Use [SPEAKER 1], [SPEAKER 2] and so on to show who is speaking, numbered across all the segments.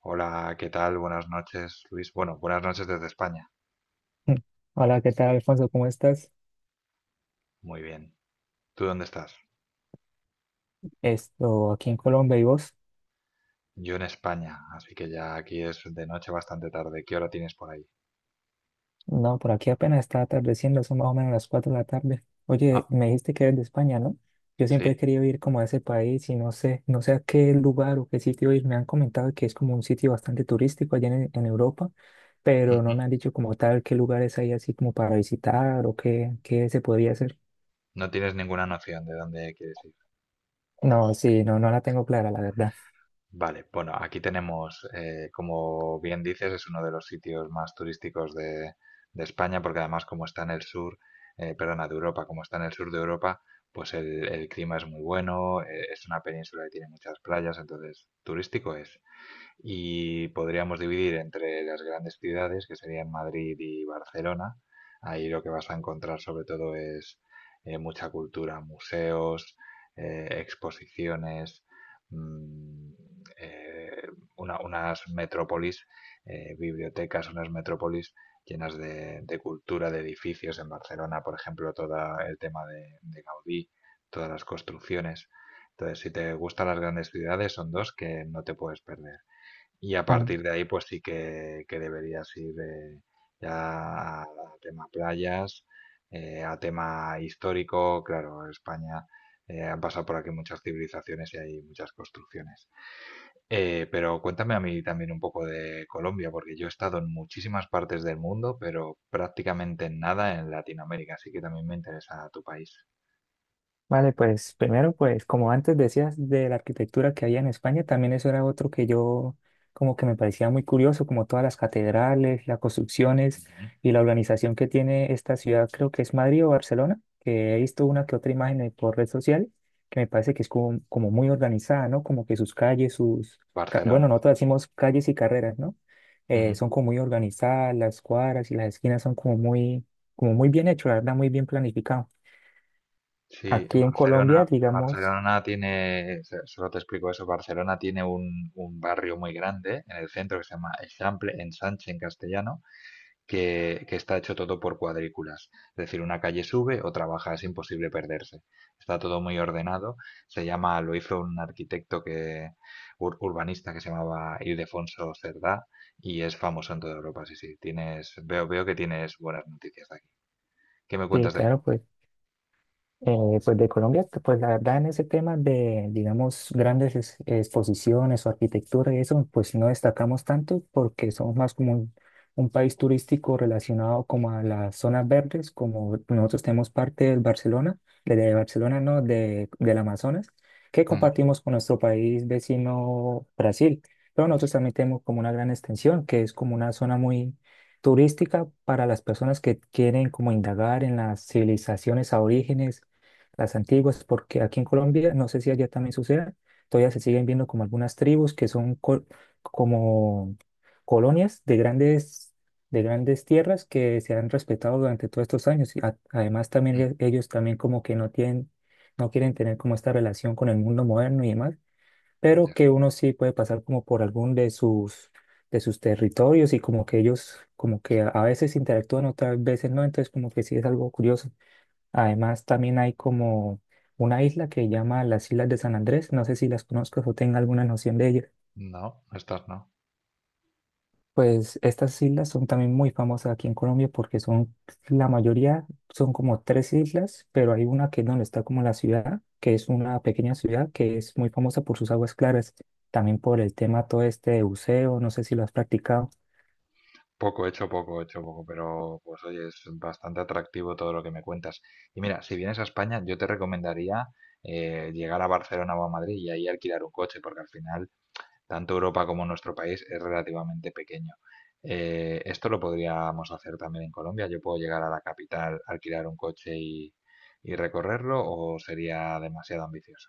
[SPEAKER 1] Hola, ¿qué tal? Buenas noches, Luis. Bueno, buenas noches desde España.
[SPEAKER 2] Mm. Hola, ¿qué tal, Alfonso? ¿Cómo estás?
[SPEAKER 1] Muy bien. ¿Tú dónde estás?
[SPEAKER 2] Esto, aquí en Colombia, ¿y vos?
[SPEAKER 1] Yo en España, así que ya aquí es de noche bastante tarde. ¿Qué hora tienes por ahí?
[SPEAKER 2] No, por aquí apenas está atardeciendo, son más o menos las 4 de la tarde.
[SPEAKER 1] Ah,
[SPEAKER 2] Oye, me dijiste que eres de España, ¿no? Yo siempre he
[SPEAKER 1] sí.
[SPEAKER 2] querido ir como a ese país y no sé a qué lugar o qué sitio ir. Me han comentado que es como un sitio bastante turístico allá en Europa, pero no me
[SPEAKER 1] Ujú.
[SPEAKER 2] han dicho como tal qué lugares hay así como para visitar o qué se podría hacer.
[SPEAKER 1] No tienes ninguna noción de dónde quieres ir.
[SPEAKER 2] No, sí, no la tengo clara, la verdad.
[SPEAKER 1] Vale, bueno, aquí tenemos, como bien dices, es uno de los sitios más turísticos de España, porque además como está en el sur, perdona, de Europa, como está en el sur de Europa, pues el clima es muy bueno, es una península que tiene muchas playas, entonces turístico es. Y podríamos dividir entre las grandes ciudades, que serían Madrid y Barcelona. Ahí lo que vas a encontrar sobre todo es mucha cultura, museos, exposiciones, mm, eh, unas metrópolis, bibliotecas, unas metrópolis llenas de cultura, de edificios. En Barcelona, por ejemplo, todo el tema de Gaudí, todas las construcciones. Entonces, si te gustan las grandes ciudades, son dos que no te puedes perder. Y a partir de ahí, pues sí que deberías ir ya a tema playas, a tema histórico. Claro, España han pasado por aquí muchas civilizaciones y hay muchas construcciones. Pero cuéntame a mí también un poco de Colombia, porque yo he estado en muchísimas partes del mundo, pero prácticamente en nada en Latinoamérica, así que también me interesa tu país.
[SPEAKER 2] Vale, pues primero, pues como antes decías de la arquitectura que había en España, también eso era otro que yo como que me parecía muy curioso, como todas las catedrales, las construcciones
[SPEAKER 1] Ujú.
[SPEAKER 2] y la organización que tiene esta ciudad, creo que es Madrid o Barcelona, que he visto una que otra imagen por red social, que me parece que es como muy organizada, ¿no? Como que sus calles, sus, bueno,
[SPEAKER 1] Barcelona.
[SPEAKER 2] nosotros decimos calles y carreras, ¿no? Son como muy organizadas, las cuadras y las esquinas son como muy bien hecho, la verdad, muy bien planificado.
[SPEAKER 1] Sí, en
[SPEAKER 2] Aquí en Colombia,
[SPEAKER 1] Barcelona,
[SPEAKER 2] digamos,
[SPEAKER 1] Barcelona tiene, solo te explico eso, Barcelona tiene un barrio muy grande en el centro que se llama Eixample, Ensanche en castellano, que está hecho todo por cuadrículas. Es decir, una calle sube, otra baja, es imposible perderse. Está todo muy ordenado. Se llama, lo hizo un arquitecto que, urbanista que se llamaba Ildefonso Cerdá y es famoso en toda Europa. Sí, sí, tienes, veo que tienes buenas noticias de aquí. ¿Qué me
[SPEAKER 2] sí,
[SPEAKER 1] cuentas de...?
[SPEAKER 2] claro, pues. Eh, pues de Colombia, que, pues la verdad en ese tema de, digamos, grandes exposiciones o arquitectura y eso, pues no destacamos tanto porque somos más como un país turístico relacionado como a las zonas verdes, como nosotros tenemos parte del Barcelona, de, de, Barcelona, no, de, del Amazonas, que
[SPEAKER 1] Ujú,
[SPEAKER 2] compartimos con nuestro país vecino Brasil. Pero nosotros también tenemos como una gran extensión, que es como una zona muy turística para las personas que quieren como indagar en las civilizaciones aborígenes las antiguas, porque aquí en Colombia, no sé si allá también suceda, todavía se siguen viendo como algunas tribus que son como colonias de grandes tierras que se han respetado durante todos estos años. Y además también
[SPEAKER 1] ujú,
[SPEAKER 2] ellos también como que no tienen, no quieren tener como esta relación con el mundo moderno y demás, pero
[SPEAKER 1] ya.
[SPEAKER 2] que uno sí puede pasar como por algún de sus territorios y como que ellos como que a veces interactúan, otras veces no, entonces como que sí es algo curioso. Además, también hay como una isla que llama las Islas de San Andrés. No sé si las conozcas o tenga alguna noción de ellas.
[SPEAKER 1] No, estas no.
[SPEAKER 2] Pues estas islas son también muy famosas aquí en Colombia porque son, la mayoría son como tres islas, pero hay una que es donde está como la ciudad, que es una pequeña ciudad que es muy famosa por sus aguas claras, también por el tema todo este de buceo, no sé si lo has practicado.
[SPEAKER 1] Poco hecho, poco hecho, poco, pero pues oye, es bastante atractivo todo lo que me cuentas. Y mira, si vienes a España, yo te recomendaría llegar a Barcelona o a Madrid y ahí alquilar un coche, porque al final tanto Europa como nuestro país es relativamente pequeño. Esto lo podríamos hacer también en Colombia. Yo puedo llegar a la capital, alquilar un coche y recorrerlo, o sería demasiado ambicioso.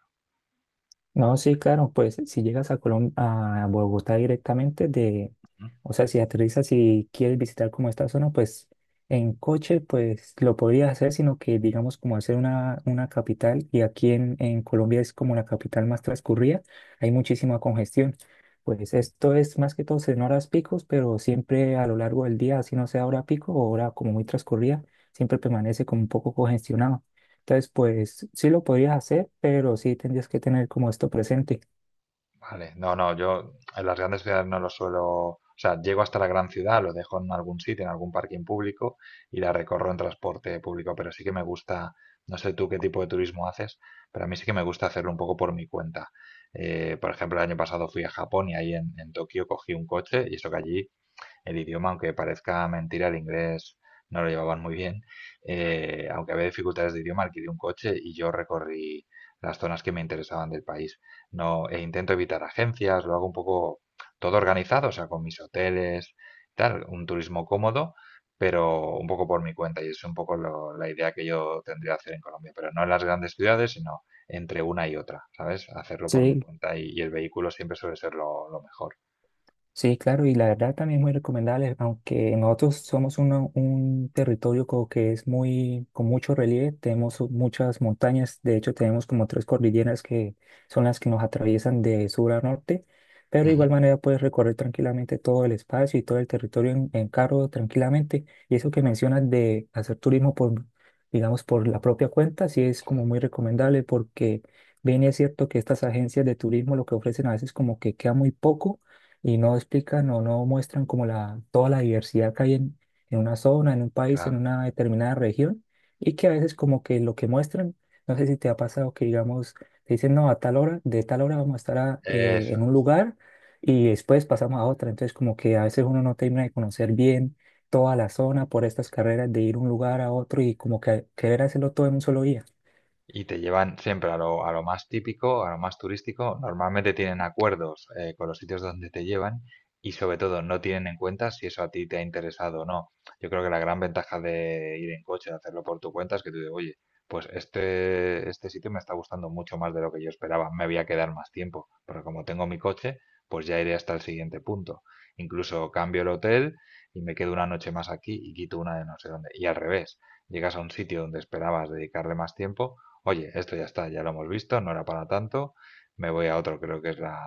[SPEAKER 2] No, sí, claro, pues si llegas a a Bogotá directamente de, o sea, si aterrizas y quieres visitar como esta zona, pues en coche, pues lo podrías hacer, sino que digamos como hacer una, capital, y aquí en Colombia es como la capital más transcurrida, hay muchísima congestión. Pues esto es más que todo en horas picos, pero siempre a lo largo del día, así no sea hora pico o hora como muy transcurrida, siempre permanece como un poco congestionado. Entonces, pues sí lo podrías hacer, pero sí tendrías que tener como esto presente.
[SPEAKER 1] Vale, no, no, yo en las grandes ciudades no lo suelo, o sea, llego hasta la gran ciudad, lo dejo en algún sitio, en algún parking público y la recorro en transporte público, pero sí que me gusta, no sé tú qué tipo de turismo haces, pero a mí sí que me gusta hacerlo un poco por mi cuenta. Por ejemplo, el año pasado fui a Japón y ahí en Tokio cogí un coche y eso que allí el idioma, aunque parezca mentira, el inglés no lo llevaban muy bien. Eh, aunque había dificultades de idioma, alquilé un coche y yo recorrí las zonas que me interesaban del país. No, e intento evitar agencias, lo hago un poco todo organizado, o sea, con mis hoteles, tal, un turismo cómodo, pero un poco por mi cuenta. Y es un poco la idea que yo tendría que hacer en Colombia, pero no en las grandes ciudades, sino entre una y otra, ¿sabes? Hacerlo por mi
[SPEAKER 2] Sí,
[SPEAKER 1] cuenta y el vehículo siempre suele ser lo mejor.
[SPEAKER 2] sí, claro, y la verdad también es muy recomendable, aunque nosotros somos un territorio como que es muy, con mucho relieve, tenemos muchas montañas, de hecho tenemos como tres cordilleras que son las que nos atraviesan de sur a norte, pero de
[SPEAKER 1] Ujú,
[SPEAKER 2] igual manera puedes recorrer tranquilamente todo el espacio y todo el territorio en carro tranquilamente, y eso que mencionas de hacer turismo por, digamos, por la propia cuenta, sí es
[SPEAKER 1] sí,
[SPEAKER 2] como muy recomendable porque bien es cierto que estas agencias de turismo lo que ofrecen a veces como que queda muy poco y no explican o no muestran como la, toda la diversidad que hay en una zona, en un país, en
[SPEAKER 1] claro.
[SPEAKER 2] una determinada región, y que a veces como que lo que muestran, no sé si te ha pasado que digamos, te dicen, no, a tal hora, de tal hora vamos a estar
[SPEAKER 1] Eso.
[SPEAKER 2] en un lugar y después pasamos a otra, entonces como que a veces uno no termina de conocer bien toda la zona por estas carreras de ir un lugar a otro y como que querer hacerlo todo en un solo día.
[SPEAKER 1] Y te llevan siempre a lo más típico, a lo más turístico. Normalmente tienen acuerdos con los sitios donde te llevan y sobre todo no tienen en cuenta si eso a ti te ha interesado o no. Yo creo que la gran ventaja de ir en coche, de hacerlo por tu cuenta, es que tú dices, oye, pues este sitio me está gustando mucho más de lo que yo esperaba. Me voy a quedar más tiempo, porque como tengo mi coche, pues ya iré hasta el siguiente punto. Incluso cambio el hotel y me quedo una noche más aquí y quito una de no sé dónde. Y al revés, llegas a un sitio donde esperabas dedicarle más tiempo, oye, esto ya está, ya lo hemos visto, no era para tanto, me voy a otro, creo que es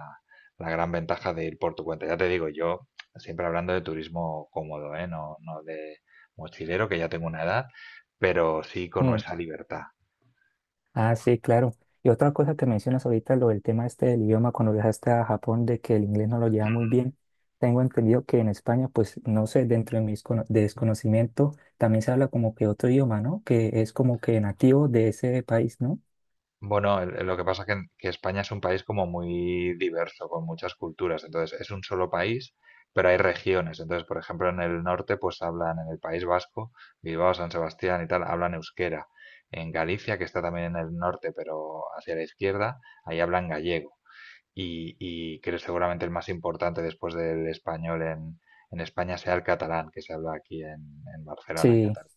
[SPEAKER 1] la gran ventaja de ir por tu cuenta. Ya te digo, yo siempre hablando de turismo cómodo, ¿eh? No, no de mochilero, que ya tengo una edad, pero sí con esa libertad.
[SPEAKER 2] Ah, sí, claro. Y otra cosa que mencionas ahorita, lo del tema este del idioma, cuando viajaste a Japón, de que el inglés no lo lleva muy bien, tengo entendido que en España, pues no sé, dentro de mis desconocimiento, también se habla como que otro idioma, ¿no? Que es como que nativo de ese país, ¿no?
[SPEAKER 1] Bueno, lo que pasa es que España es un país como muy diverso, con muchas culturas. Entonces, es un solo país, pero hay regiones. Entonces, por ejemplo, en el norte, pues hablan en el País Vasco, Bilbao, San Sebastián y tal, hablan euskera. En Galicia, que está también en el norte, pero hacia la izquierda, ahí hablan gallego y que seguramente el más importante después del español en España sea el catalán que se habla aquí en Barcelona, en
[SPEAKER 2] Sí,
[SPEAKER 1] Cataluña.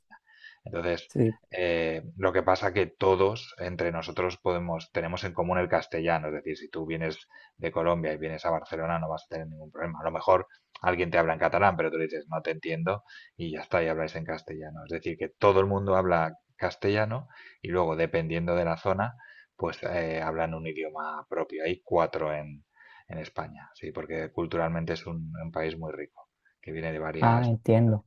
[SPEAKER 1] Entonces,
[SPEAKER 2] sí.
[SPEAKER 1] lo que pasa que todos entre nosotros podemos, tenemos en común el castellano, es decir, si tú vienes de Colombia y vienes a Barcelona no vas a tener ningún problema. A lo mejor alguien te habla en catalán, pero tú le dices no te entiendo y ya está, y habláis en castellano. Es decir, que todo el mundo habla castellano y luego, dependiendo de la zona, pues hablan un idioma propio. Hay cuatro en España, sí, porque culturalmente es un país muy rico, que viene de
[SPEAKER 2] Ah,
[SPEAKER 1] varias civilizaciones.
[SPEAKER 2] entiendo.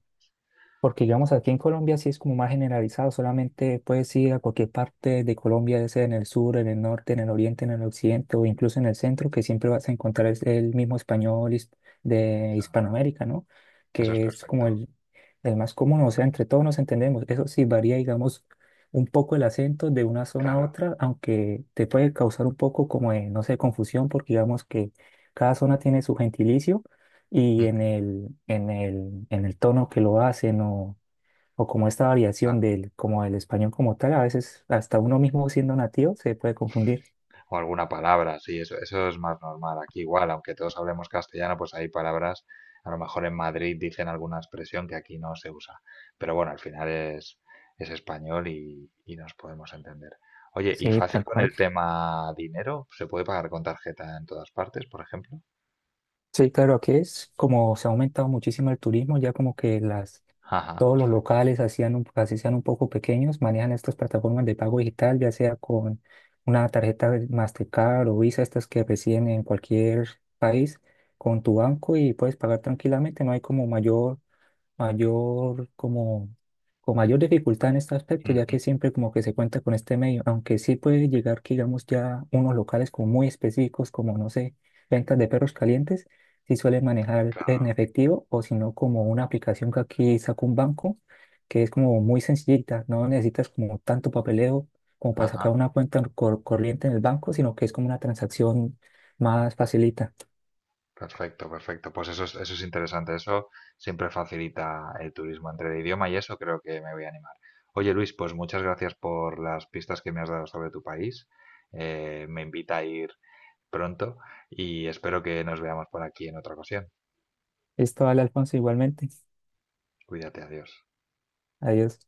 [SPEAKER 2] Porque digamos aquí en Colombia sí es como más generalizado, solamente puedes ir a cualquier parte de Colombia, ya sea en el sur, en el norte, en el oriente, en el occidente o incluso en el centro, que siempre vas a encontrar es el mismo español de
[SPEAKER 1] Eso,
[SPEAKER 2] Hispanoamérica, ¿no?
[SPEAKER 1] eso es
[SPEAKER 2] Que es como
[SPEAKER 1] perfecto,
[SPEAKER 2] el, más común, o sea, entre todos nos entendemos. Eso sí varía, digamos, un poco el acento de una zona a
[SPEAKER 1] claro.
[SPEAKER 2] otra, aunque te puede causar un poco como de, no sé, confusión, porque digamos que cada zona tiene su gentilicio y
[SPEAKER 1] Ujú.
[SPEAKER 2] en el tono que lo hacen o como esta variación
[SPEAKER 1] Claro.
[SPEAKER 2] del, como del español como tal, a veces hasta uno mismo siendo nativo se puede confundir.
[SPEAKER 1] O alguna palabra, sí, eso es más normal. Aquí igual, aunque todos hablemos castellano, pues hay palabras, a lo mejor en Madrid dicen alguna expresión que aquí no se usa. Pero bueno, al final es español y nos podemos entender. Oye, ¿y
[SPEAKER 2] Sí,
[SPEAKER 1] fácil
[SPEAKER 2] tal
[SPEAKER 1] con
[SPEAKER 2] cual.
[SPEAKER 1] el tema dinero? ¿Se puede pagar con tarjeta en todas partes, por ejemplo?
[SPEAKER 2] Sí, claro, aquí es como se ha aumentado muchísimo el turismo, ya como que las,
[SPEAKER 1] Ajá,
[SPEAKER 2] todos los
[SPEAKER 1] perfecto.
[SPEAKER 2] locales hacían un, así sean un poco pequeños, manejan estas plataformas de pago digital, ya sea con una tarjeta de Mastercard o Visa, estas que reciben en cualquier país, con tu banco y puedes pagar tranquilamente, no hay como mayor mayor, como, con mayor dificultad en este aspecto, ya que
[SPEAKER 1] Ujú,
[SPEAKER 2] siempre como que se cuenta con este medio, aunque sí puede llegar que digamos ya unos locales como muy específicos, como no sé, ventas de perros calientes, sí suelen manejar en
[SPEAKER 1] claro.
[SPEAKER 2] efectivo o si no como una aplicación que aquí saca un banco, que es como muy sencillita, no necesitas como tanto papeleo como para
[SPEAKER 1] Ajá,
[SPEAKER 2] sacar una cuenta corriente en el banco, sino que es como una transacción más facilita.
[SPEAKER 1] perfecto, perfecto. Pues eso es interesante. Eso siempre facilita el turismo entre el idioma y eso creo que me voy a animar. Oye, Luis, pues muchas gracias por las pistas que me has dado sobre tu país. Me invita a ir pronto y espero que nos veamos por aquí en otra ocasión.
[SPEAKER 2] Esto Vale, Alfonso, igualmente.
[SPEAKER 1] Cuídate, adiós.
[SPEAKER 2] Adiós.